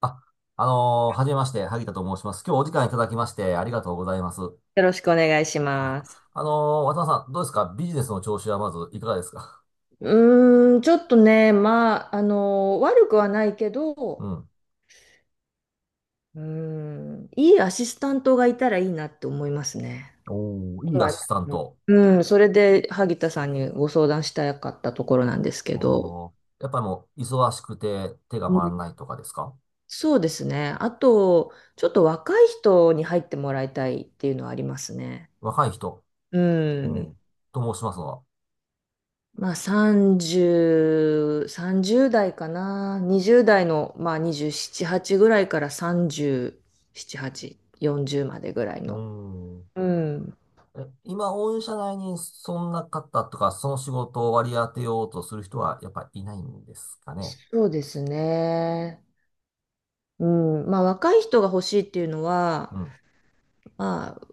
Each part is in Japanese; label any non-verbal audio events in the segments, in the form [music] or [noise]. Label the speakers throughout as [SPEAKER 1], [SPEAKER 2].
[SPEAKER 1] あ、はじめまして、萩田と申します。今日お時間いただきましてありがとうございます。
[SPEAKER 2] よろしくお願いし
[SPEAKER 1] はい。
[SPEAKER 2] ます。
[SPEAKER 1] あの渡辺さん、どうですか？ビジネスの調子はまずいかがですか？
[SPEAKER 2] うーん、ちょっとね、まあ、悪くはないけ
[SPEAKER 1] う
[SPEAKER 2] ど、
[SPEAKER 1] ん。
[SPEAKER 2] うーん、いいアシスタントがいたらいいなって思いますね。
[SPEAKER 1] おー、いいア
[SPEAKER 2] まあ
[SPEAKER 1] シスタント。
[SPEAKER 2] うん、それで萩田さんにご相談したかったところなんですけど、
[SPEAKER 1] おー、やっぱりもう、忙しくて手が
[SPEAKER 2] う
[SPEAKER 1] 回
[SPEAKER 2] ん、
[SPEAKER 1] らないとかですか？
[SPEAKER 2] そうですね。あと、ちょっと若い人に入ってもらいたいっていうのはありますね。
[SPEAKER 1] 若い人。
[SPEAKER 2] う
[SPEAKER 1] う
[SPEAKER 2] ん。
[SPEAKER 1] ん。と申しますのは？
[SPEAKER 2] まあ30代かな。20代の、まあ27、8ぐらいから37、8、40までぐらい
[SPEAKER 1] う
[SPEAKER 2] の。
[SPEAKER 1] ん。
[SPEAKER 2] うん。
[SPEAKER 1] え、今、御社内にそんな方とか、その仕事を割り当てようとする人は、やっぱいないんですかね？
[SPEAKER 2] そうですね。うん。まあ若い人が欲しいっていうの
[SPEAKER 1] う
[SPEAKER 2] は、
[SPEAKER 1] ん。
[SPEAKER 2] まあ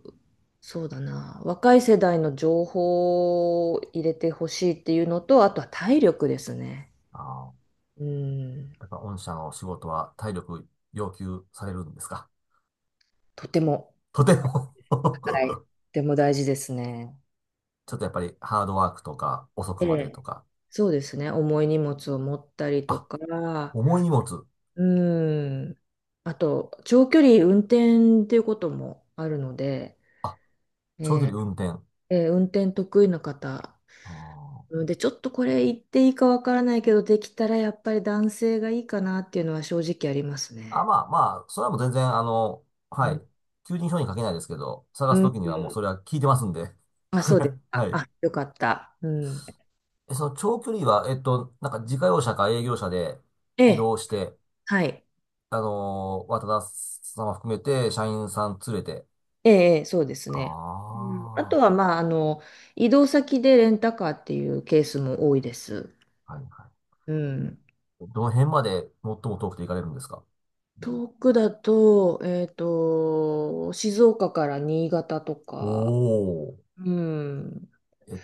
[SPEAKER 2] そうだな。若い世代の情報を入れてほしいっていうのと、あとは体力ですね。
[SPEAKER 1] あー、
[SPEAKER 2] うん。
[SPEAKER 1] やっぱ御社の仕事は体力要求されるんですか？
[SPEAKER 2] とても、
[SPEAKER 1] [laughs] とても
[SPEAKER 2] はい。と
[SPEAKER 1] [laughs]
[SPEAKER 2] ても大事ですね。
[SPEAKER 1] ちょっとやっぱりハードワークとか遅く
[SPEAKER 2] え
[SPEAKER 1] まで
[SPEAKER 2] え、
[SPEAKER 1] とか、
[SPEAKER 2] そうですね、重い荷物を持ったりと
[SPEAKER 1] あ、
[SPEAKER 2] か、
[SPEAKER 1] 重い荷物、
[SPEAKER 2] うん、あと、長距離運転っていうこともあるので、
[SPEAKER 1] あ、長距
[SPEAKER 2] え
[SPEAKER 1] 離運転。
[SPEAKER 2] 運転得意な方、
[SPEAKER 1] あー、
[SPEAKER 2] うんで、ちょっとこれ言っていいかわからないけど、できたらやっぱり男性がいいかなっていうのは正直あります
[SPEAKER 1] あ、
[SPEAKER 2] ね。
[SPEAKER 1] まあまあ、それはもう全然
[SPEAKER 2] う
[SPEAKER 1] はい、
[SPEAKER 2] ん、
[SPEAKER 1] 求人票に書けないですけど、探
[SPEAKER 2] う
[SPEAKER 1] す
[SPEAKER 2] ん、
[SPEAKER 1] ときにはもうそれは聞いてますんで。
[SPEAKER 2] あ、そうです
[SPEAKER 1] [laughs] は
[SPEAKER 2] か。
[SPEAKER 1] い。
[SPEAKER 2] あ、よかった。うん、
[SPEAKER 1] え、その長距離は、なんか自家用車か営業車で
[SPEAKER 2] え
[SPEAKER 1] 移
[SPEAKER 2] え、
[SPEAKER 1] 動して、
[SPEAKER 2] はい。
[SPEAKER 1] 渡田様含めて社員さん連れて、
[SPEAKER 2] ええ、ええ、そうです
[SPEAKER 1] あ
[SPEAKER 2] ね。うん、あと
[SPEAKER 1] あ、
[SPEAKER 2] は、まあ、移動先でレンタカーっていうケースも多いです。
[SPEAKER 1] はいは
[SPEAKER 2] うん。
[SPEAKER 1] い。どの辺まで最も遠くて行かれるんですか？
[SPEAKER 2] 遠くだと、静岡から新潟と
[SPEAKER 1] お
[SPEAKER 2] か、
[SPEAKER 1] おー。
[SPEAKER 2] うん。
[SPEAKER 1] えっ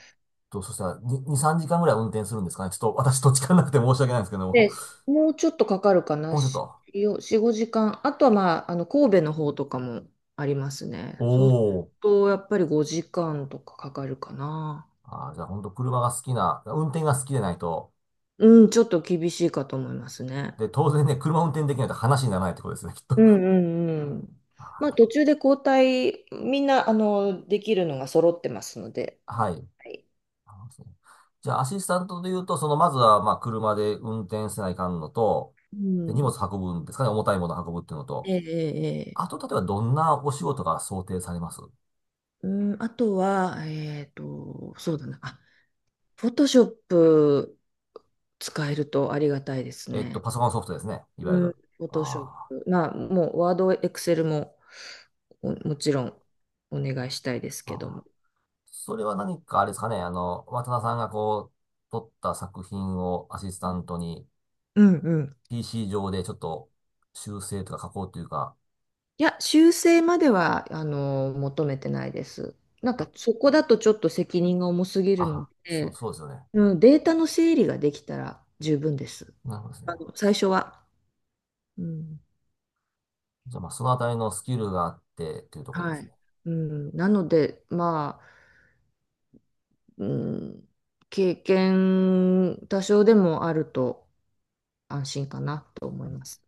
[SPEAKER 1] そしたら2、2、3時間ぐらい運転するんですかね？ちょっと私土地勘なくて申し訳ないんですけども。
[SPEAKER 2] で、もうちょっとかかるかな、
[SPEAKER 1] もうちょっと。
[SPEAKER 2] 4、5時間。あとは、まあ、神戸の方とかもありますね。
[SPEAKER 1] お
[SPEAKER 2] そうする
[SPEAKER 1] お。
[SPEAKER 2] と、やっぱり5時間とかかかるかな。
[SPEAKER 1] あー、じゃあ本当車が好きな、運転が好きでないと。
[SPEAKER 2] うん、ちょっと厳しいかと思いますね。
[SPEAKER 1] で、当然ね、車運転できないと話にならないってことですね、きっと。
[SPEAKER 2] うん
[SPEAKER 1] [laughs]
[SPEAKER 2] うんうん。まあ、
[SPEAKER 1] あ
[SPEAKER 2] 途中で交代、みんな、できるのが揃ってますので。
[SPEAKER 1] ー、はい。
[SPEAKER 2] はい。
[SPEAKER 1] そうじゃあ、アシスタントで言うと、その、まずは、まあ、車で運転せないかんのと、
[SPEAKER 2] う
[SPEAKER 1] で、荷物
[SPEAKER 2] ん。
[SPEAKER 1] 運ぶんですかね、重たいもの運ぶっていうのと、
[SPEAKER 2] ええええ。
[SPEAKER 1] あと、例えば、どんなお仕事が想定されます？
[SPEAKER 2] うん、あとは、そうだな。あ、フォトショップ使えるとありがたいですね。
[SPEAKER 1] パソコンソフトですね。いわゆ
[SPEAKER 2] うん、
[SPEAKER 1] る。
[SPEAKER 2] フォトショッ
[SPEAKER 1] あ
[SPEAKER 2] プ。まあ、もう、ワード、エクセルも、おもちろん、お願いしたいです
[SPEAKER 1] ー、
[SPEAKER 2] けど
[SPEAKER 1] あ
[SPEAKER 2] も。
[SPEAKER 1] ー。それは何かあれですかね。渡田さんがこう、撮った作品をアシスタントに
[SPEAKER 2] うんうん。
[SPEAKER 1] PC 上でちょっと修正とか加工というか、
[SPEAKER 2] いや、修正までは、求めてないです。なんか、そこだとちょっと責任が重すぎるの
[SPEAKER 1] あ、そう、
[SPEAKER 2] で、
[SPEAKER 1] そうですよね。
[SPEAKER 2] うん、データの整理ができたら十分です。
[SPEAKER 1] なるほどですね。
[SPEAKER 2] 最初は。うん、
[SPEAKER 1] じゃあまあ、そのあたりのスキルがあってというところで
[SPEAKER 2] は
[SPEAKER 1] す
[SPEAKER 2] い。
[SPEAKER 1] ね。
[SPEAKER 2] うん、なので、まあ、うん、経験多少でもあると安心かなと思います。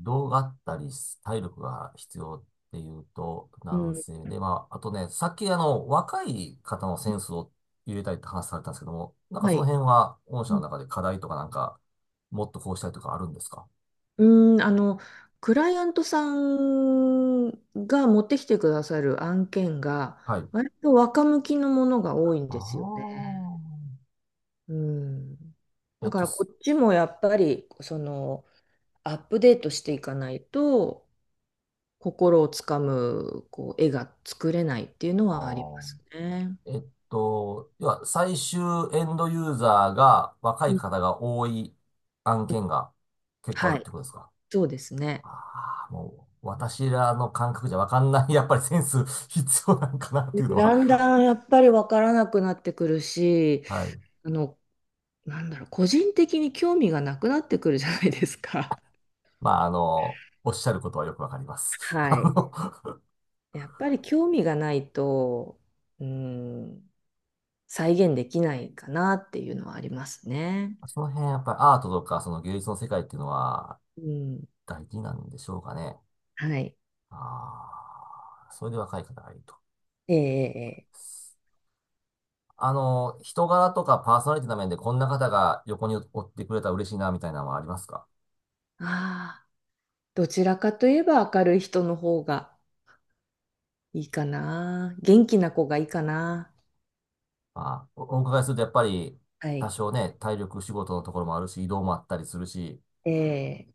[SPEAKER 1] 動があったり、体力が必要っていうと、
[SPEAKER 2] う
[SPEAKER 1] 男
[SPEAKER 2] ん、
[SPEAKER 1] 性で、まあ、あとね、さっき若い方のセンスを入れたいって話されたんですけども、なんか
[SPEAKER 2] は
[SPEAKER 1] その
[SPEAKER 2] い。
[SPEAKER 1] 辺は、御社の
[SPEAKER 2] う
[SPEAKER 1] 中で課題とかなんか、もっとこうしたいとかあるんですか？
[SPEAKER 2] ん、うん、クライアントさんが持ってきてくださる案件が、
[SPEAKER 1] はい。
[SPEAKER 2] 割と若向きのものが多いんですよね。
[SPEAKER 1] あ
[SPEAKER 2] うん。
[SPEAKER 1] あ。え
[SPEAKER 2] だ
[SPEAKER 1] っ
[SPEAKER 2] か
[SPEAKER 1] と、
[SPEAKER 2] らこ
[SPEAKER 1] す
[SPEAKER 2] っちもやっぱり、アップデートしていかないと、心をつかむこう絵が作れないっていうの
[SPEAKER 1] あ
[SPEAKER 2] はありま
[SPEAKER 1] ー
[SPEAKER 2] すね。
[SPEAKER 1] えっと、要は、最終エンドユーザーが若
[SPEAKER 2] う
[SPEAKER 1] い
[SPEAKER 2] ん、
[SPEAKER 1] 方が多い案件が結構あ
[SPEAKER 2] は
[SPEAKER 1] るっ
[SPEAKER 2] い、
[SPEAKER 1] てことですか？
[SPEAKER 2] そうですね。
[SPEAKER 1] ああ、もう、私らの感覚じゃわかんない、[laughs] やっぱりセンス必要なんかなっていうの
[SPEAKER 2] だん
[SPEAKER 1] は、
[SPEAKER 2] だんやっぱり分からなくなってくるし、
[SPEAKER 1] はい。
[SPEAKER 2] あの、個人的に興味がなくなってくるじゃないですか。
[SPEAKER 1] まあ、おっしゃることはよくわかります。[laughs]
[SPEAKER 2] はい。やっぱり興味がないと、うん、再現できないかなっていうのはありますね。
[SPEAKER 1] [laughs] その辺、やっぱりアートとか、その芸術の世界っていうのは、
[SPEAKER 2] うん。
[SPEAKER 1] 大事なんでしょうかね。
[SPEAKER 2] はい。
[SPEAKER 1] ああ、それで若い方がいると。
[SPEAKER 2] ええええ。
[SPEAKER 1] 人柄とかパーソナリティの面で、こんな方が横におってくれたら嬉しいな、みたいなのはありますか？
[SPEAKER 2] ああ、どちらかといえば明るい人の方が。いいかな。元気な子がいいかな。
[SPEAKER 1] まあ、お伺いすると、やっぱり、
[SPEAKER 2] は
[SPEAKER 1] 多
[SPEAKER 2] い。
[SPEAKER 1] 少ね、体力仕事のところもあるし、移動もあったりするし、
[SPEAKER 2] ええ、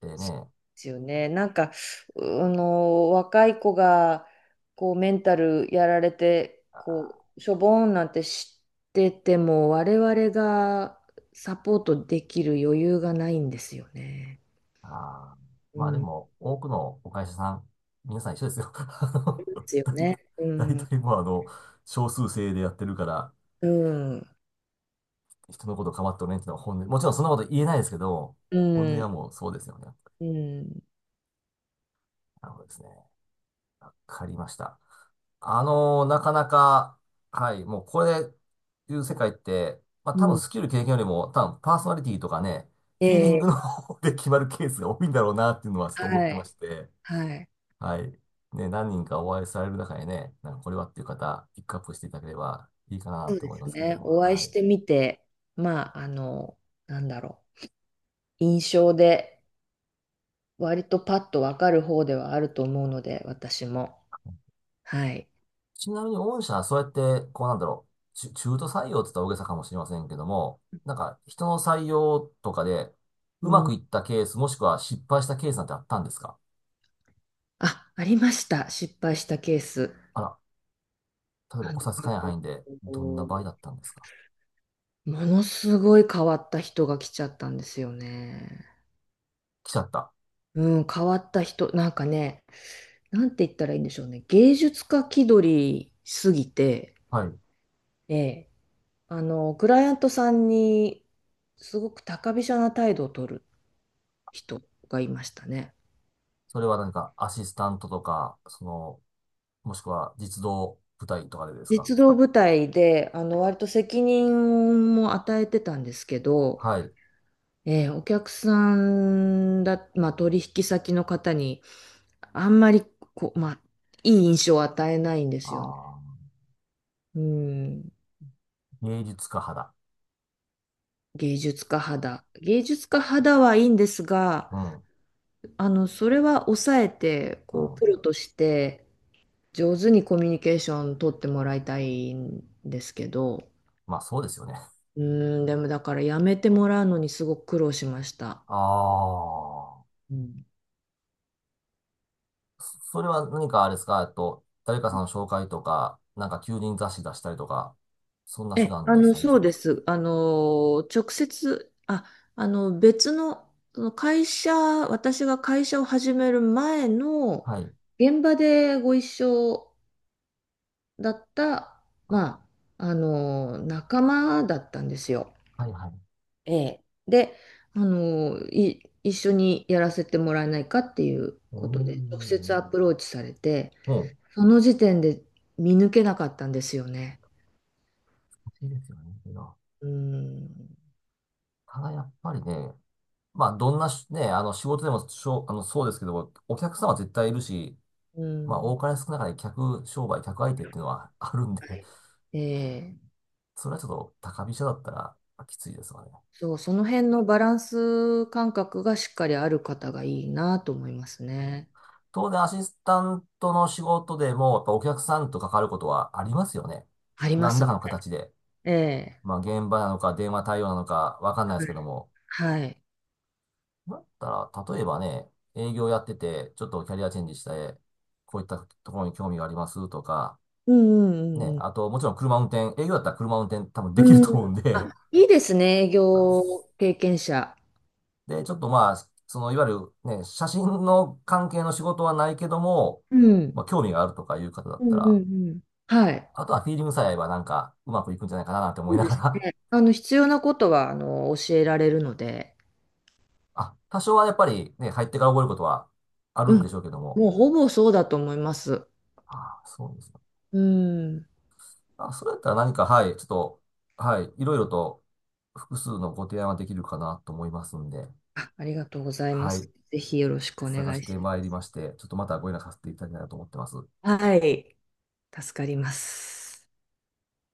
[SPEAKER 1] で
[SPEAKER 2] そう
[SPEAKER 1] ね、
[SPEAKER 2] ですよね。なんか、うあの、若い子が、こう、メンタルやられて、こう、しょぼーんなんて知ってても、我々がサポートできる余裕がないんですよね。
[SPEAKER 1] あー、
[SPEAKER 2] う
[SPEAKER 1] まあで
[SPEAKER 2] ん。で
[SPEAKER 1] も、多くのお会社さん、皆さん一緒ですよ。[laughs]
[SPEAKER 2] すよ
[SPEAKER 1] 大
[SPEAKER 2] ね。
[SPEAKER 1] 体、
[SPEAKER 2] う
[SPEAKER 1] 大
[SPEAKER 2] ん。
[SPEAKER 1] 体もう少数制でやってるから、
[SPEAKER 2] うん。
[SPEAKER 1] 人のこと構っておれんっていうのは本音。もちろんそんなこと言えないですけど、
[SPEAKER 2] う
[SPEAKER 1] 本音
[SPEAKER 2] ん。
[SPEAKER 1] はもうそうですよね。
[SPEAKER 2] うん。
[SPEAKER 1] なるほどですね。わかりました。なかなか、はい、もうこれ、いう世界って、まあ
[SPEAKER 2] う
[SPEAKER 1] 多分
[SPEAKER 2] ん。
[SPEAKER 1] スキル経験よりも、多分パーソナリティとかね、フィーリン
[SPEAKER 2] え
[SPEAKER 1] グの
[SPEAKER 2] え、
[SPEAKER 1] 方で決まるケースが多いんだろうなっていうのはちょっと思っ
[SPEAKER 2] は
[SPEAKER 1] てま
[SPEAKER 2] い。
[SPEAKER 1] して、
[SPEAKER 2] はい。
[SPEAKER 1] はい。ね、何人かお会いされる中でね、なんかこれはっていう方、ピックアップしていただければいいかな
[SPEAKER 2] そう
[SPEAKER 1] と
[SPEAKER 2] で
[SPEAKER 1] 思いま
[SPEAKER 2] す
[SPEAKER 1] すけれど
[SPEAKER 2] ね。
[SPEAKER 1] も、
[SPEAKER 2] お会い
[SPEAKER 1] は
[SPEAKER 2] して
[SPEAKER 1] い。
[SPEAKER 2] みて、まあ、なんだろ印象で、割とパッとわかる方ではあると思うので、私も。はい。
[SPEAKER 1] ちなみに御社はそうやって、こうなんだろう、中途採用って言ったら大げさかもしれませんけども、なんか人の採用とかで、
[SPEAKER 2] う
[SPEAKER 1] うまく
[SPEAKER 2] ん。
[SPEAKER 1] いったケース、もしくは失敗したケースなんてあったんですか？
[SPEAKER 2] あ、ありました。失敗したケース。
[SPEAKER 1] あら、例えば
[SPEAKER 2] あ
[SPEAKER 1] お
[SPEAKER 2] の、
[SPEAKER 1] 差し支えない範囲で、どんな場合だったんですか？
[SPEAKER 2] ものすごい変わった人が来ちゃったんですよね。
[SPEAKER 1] 来ちゃった。
[SPEAKER 2] うん、変わった人、なんかね、なんて言ったらいいんでしょうね。芸術家気取りすぎて、
[SPEAKER 1] はい。
[SPEAKER 2] ええクライアントさんにすごく高飛車な態度を取る人がいましたね。
[SPEAKER 1] それは何かアシスタントとか、その、もしくは実動部隊とかでですか？
[SPEAKER 2] 実動部隊で、割と責任も与えてたんですけど、
[SPEAKER 1] はい。
[SPEAKER 2] えーお客さんだ、まあ、取引先の方にあんまりこう、まあ、いい印象を与えないんですよね。
[SPEAKER 1] ああ。
[SPEAKER 2] うん、
[SPEAKER 1] 芸術家派だ。
[SPEAKER 2] 芸術家肌。芸術家
[SPEAKER 1] はい。
[SPEAKER 2] 肌はいいんですが、
[SPEAKER 1] うん。
[SPEAKER 2] それは抑えて、
[SPEAKER 1] う
[SPEAKER 2] こう、
[SPEAKER 1] ん。
[SPEAKER 2] プロとして、上手にコミュニケーション取ってもらいたいんですけど、
[SPEAKER 1] まあ、そうですよね。
[SPEAKER 2] うーん、でもだからやめてもらうのにすごく苦労しました。
[SPEAKER 1] ああ。
[SPEAKER 2] うん。
[SPEAKER 1] それは何かあれですか？誰かさんの紹介とか、なんか求人雑誌出したりとか、そんな手
[SPEAKER 2] え、
[SPEAKER 1] 段
[SPEAKER 2] あ
[SPEAKER 1] で
[SPEAKER 2] の、
[SPEAKER 1] 採用
[SPEAKER 2] そ
[SPEAKER 1] さ
[SPEAKER 2] う
[SPEAKER 1] れま
[SPEAKER 2] で
[SPEAKER 1] すか？
[SPEAKER 2] す。直接、別の、その会社、私が会社を始める前の
[SPEAKER 1] はい。
[SPEAKER 2] 現場でご一緒だった、
[SPEAKER 1] あ、
[SPEAKER 2] まあ、仲間だったんですよ。
[SPEAKER 1] はいはい。
[SPEAKER 2] ええ。で、一緒にやらせてもらえないかっていう
[SPEAKER 1] うー
[SPEAKER 2] ことで、直接
[SPEAKER 1] ん。
[SPEAKER 2] アプローチされて、
[SPEAKER 1] もう、
[SPEAKER 2] その時点で見抜けなかったんですよね。
[SPEAKER 1] 欲しいですよね。いいな。
[SPEAKER 2] うん。
[SPEAKER 1] ただやっぱりね、まあ、どんなしね、仕事でもしょう、そうですけど、お客様は絶対いるし、
[SPEAKER 2] う
[SPEAKER 1] まあ、
[SPEAKER 2] ん。
[SPEAKER 1] 多かれ少なかれ客商売、客相手っていうのはあるんで、
[SPEAKER 2] はい、ええ。
[SPEAKER 1] それはちょっと高飛車だったらきついですわね。
[SPEAKER 2] そう、その辺のバランス感覚がしっかりある方がいいなと思いますね。
[SPEAKER 1] 当然アシスタントの仕事でも、やっぱお客さんと関わることはありますよね。
[SPEAKER 2] ありま
[SPEAKER 1] 何
[SPEAKER 2] す
[SPEAKER 1] らか
[SPEAKER 2] ね。
[SPEAKER 1] の形で。
[SPEAKER 2] ええ。
[SPEAKER 1] まあ、現場なのか、電話対応なのか、わかんないですけども。
[SPEAKER 2] はい。
[SPEAKER 1] だったら、例えばね、営業やってて、ちょっとキャリアチェンジして、こういったところに興味がありますとか、
[SPEAKER 2] うんうん
[SPEAKER 1] ね、
[SPEAKER 2] うん
[SPEAKER 1] あと、もちろん車運転、営業だったら車運転多分
[SPEAKER 2] う
[SPEAKER 1] できる
[SPEAKER 2] ん。うん。
[SPEAKER 1] と思うん
[SPEAKER 2] あ、
[SPEAKER 1] で、[laughs]
[SPEAKER 2] いいですね、営業経験者。
[SPEAKER 1] で、ちょっとまあ、その、いわゆるね、写真の関係の仕事はないけども、
[SPEAKER 2] うん。
[SPEAKER 1] まあ、興味があるとかいう方だ
[SPEAKER 2] う
[SPEAKER 1] った
[SPEAKER 2] んうん
[SPEAKER 1] ら、
[SPEAKER 2] うん。はい。
[SPEAKER 1] あとはフィーリングさえ合えばなんかうまくいくんじゃないかななんて思
[SPEAKER 2] そ
[SPEAKER 1] い
[SPEAKER 2] う
[SPEAKER 1] な
[SPEAKER 2] で
[SPEAKER 1] が
[SPEAKER 2] す
[SPEAKER 1] ら
[SPEAKER 2] ね。必要なことは、教えられるので、
[SPEAKER 1] [laughs] あ、多少はやっぱりね、入ってから覚えることはある
[SPEAKER 2] う
[SPEAKER 1] んで
[SPEAKER 2] ん。
[SPEAKER 1] しょうけども。
[SPEAKER 2] もうほぼそうだと思います。
[SPEAKER 1] ああ、そうですか。
[SPEAKER 2] うん。
[SPEAKER 1] あ、それやったら何か、はい、ちょっと、はい、いろいろと複数のご提案はできるかなと思いますんで、
[SPEAKER 2] あ、ありがとうございま
[SPEAKER 1] はい、
[SPEAKER 2] す。ぜひよろしくお
[SPEAKER 1] 探
[SPEAKER 2] 願
[SPEAKER 1] し
[SPEAKER 2] い
[SPEAKER 1] て
[SPEAKER 2] し
[SPEAKER 1] まいりまして、ちょっとまたご連絡させていただきたいなと思ってます。
[SPEAKER 2] ます。はい。助かります。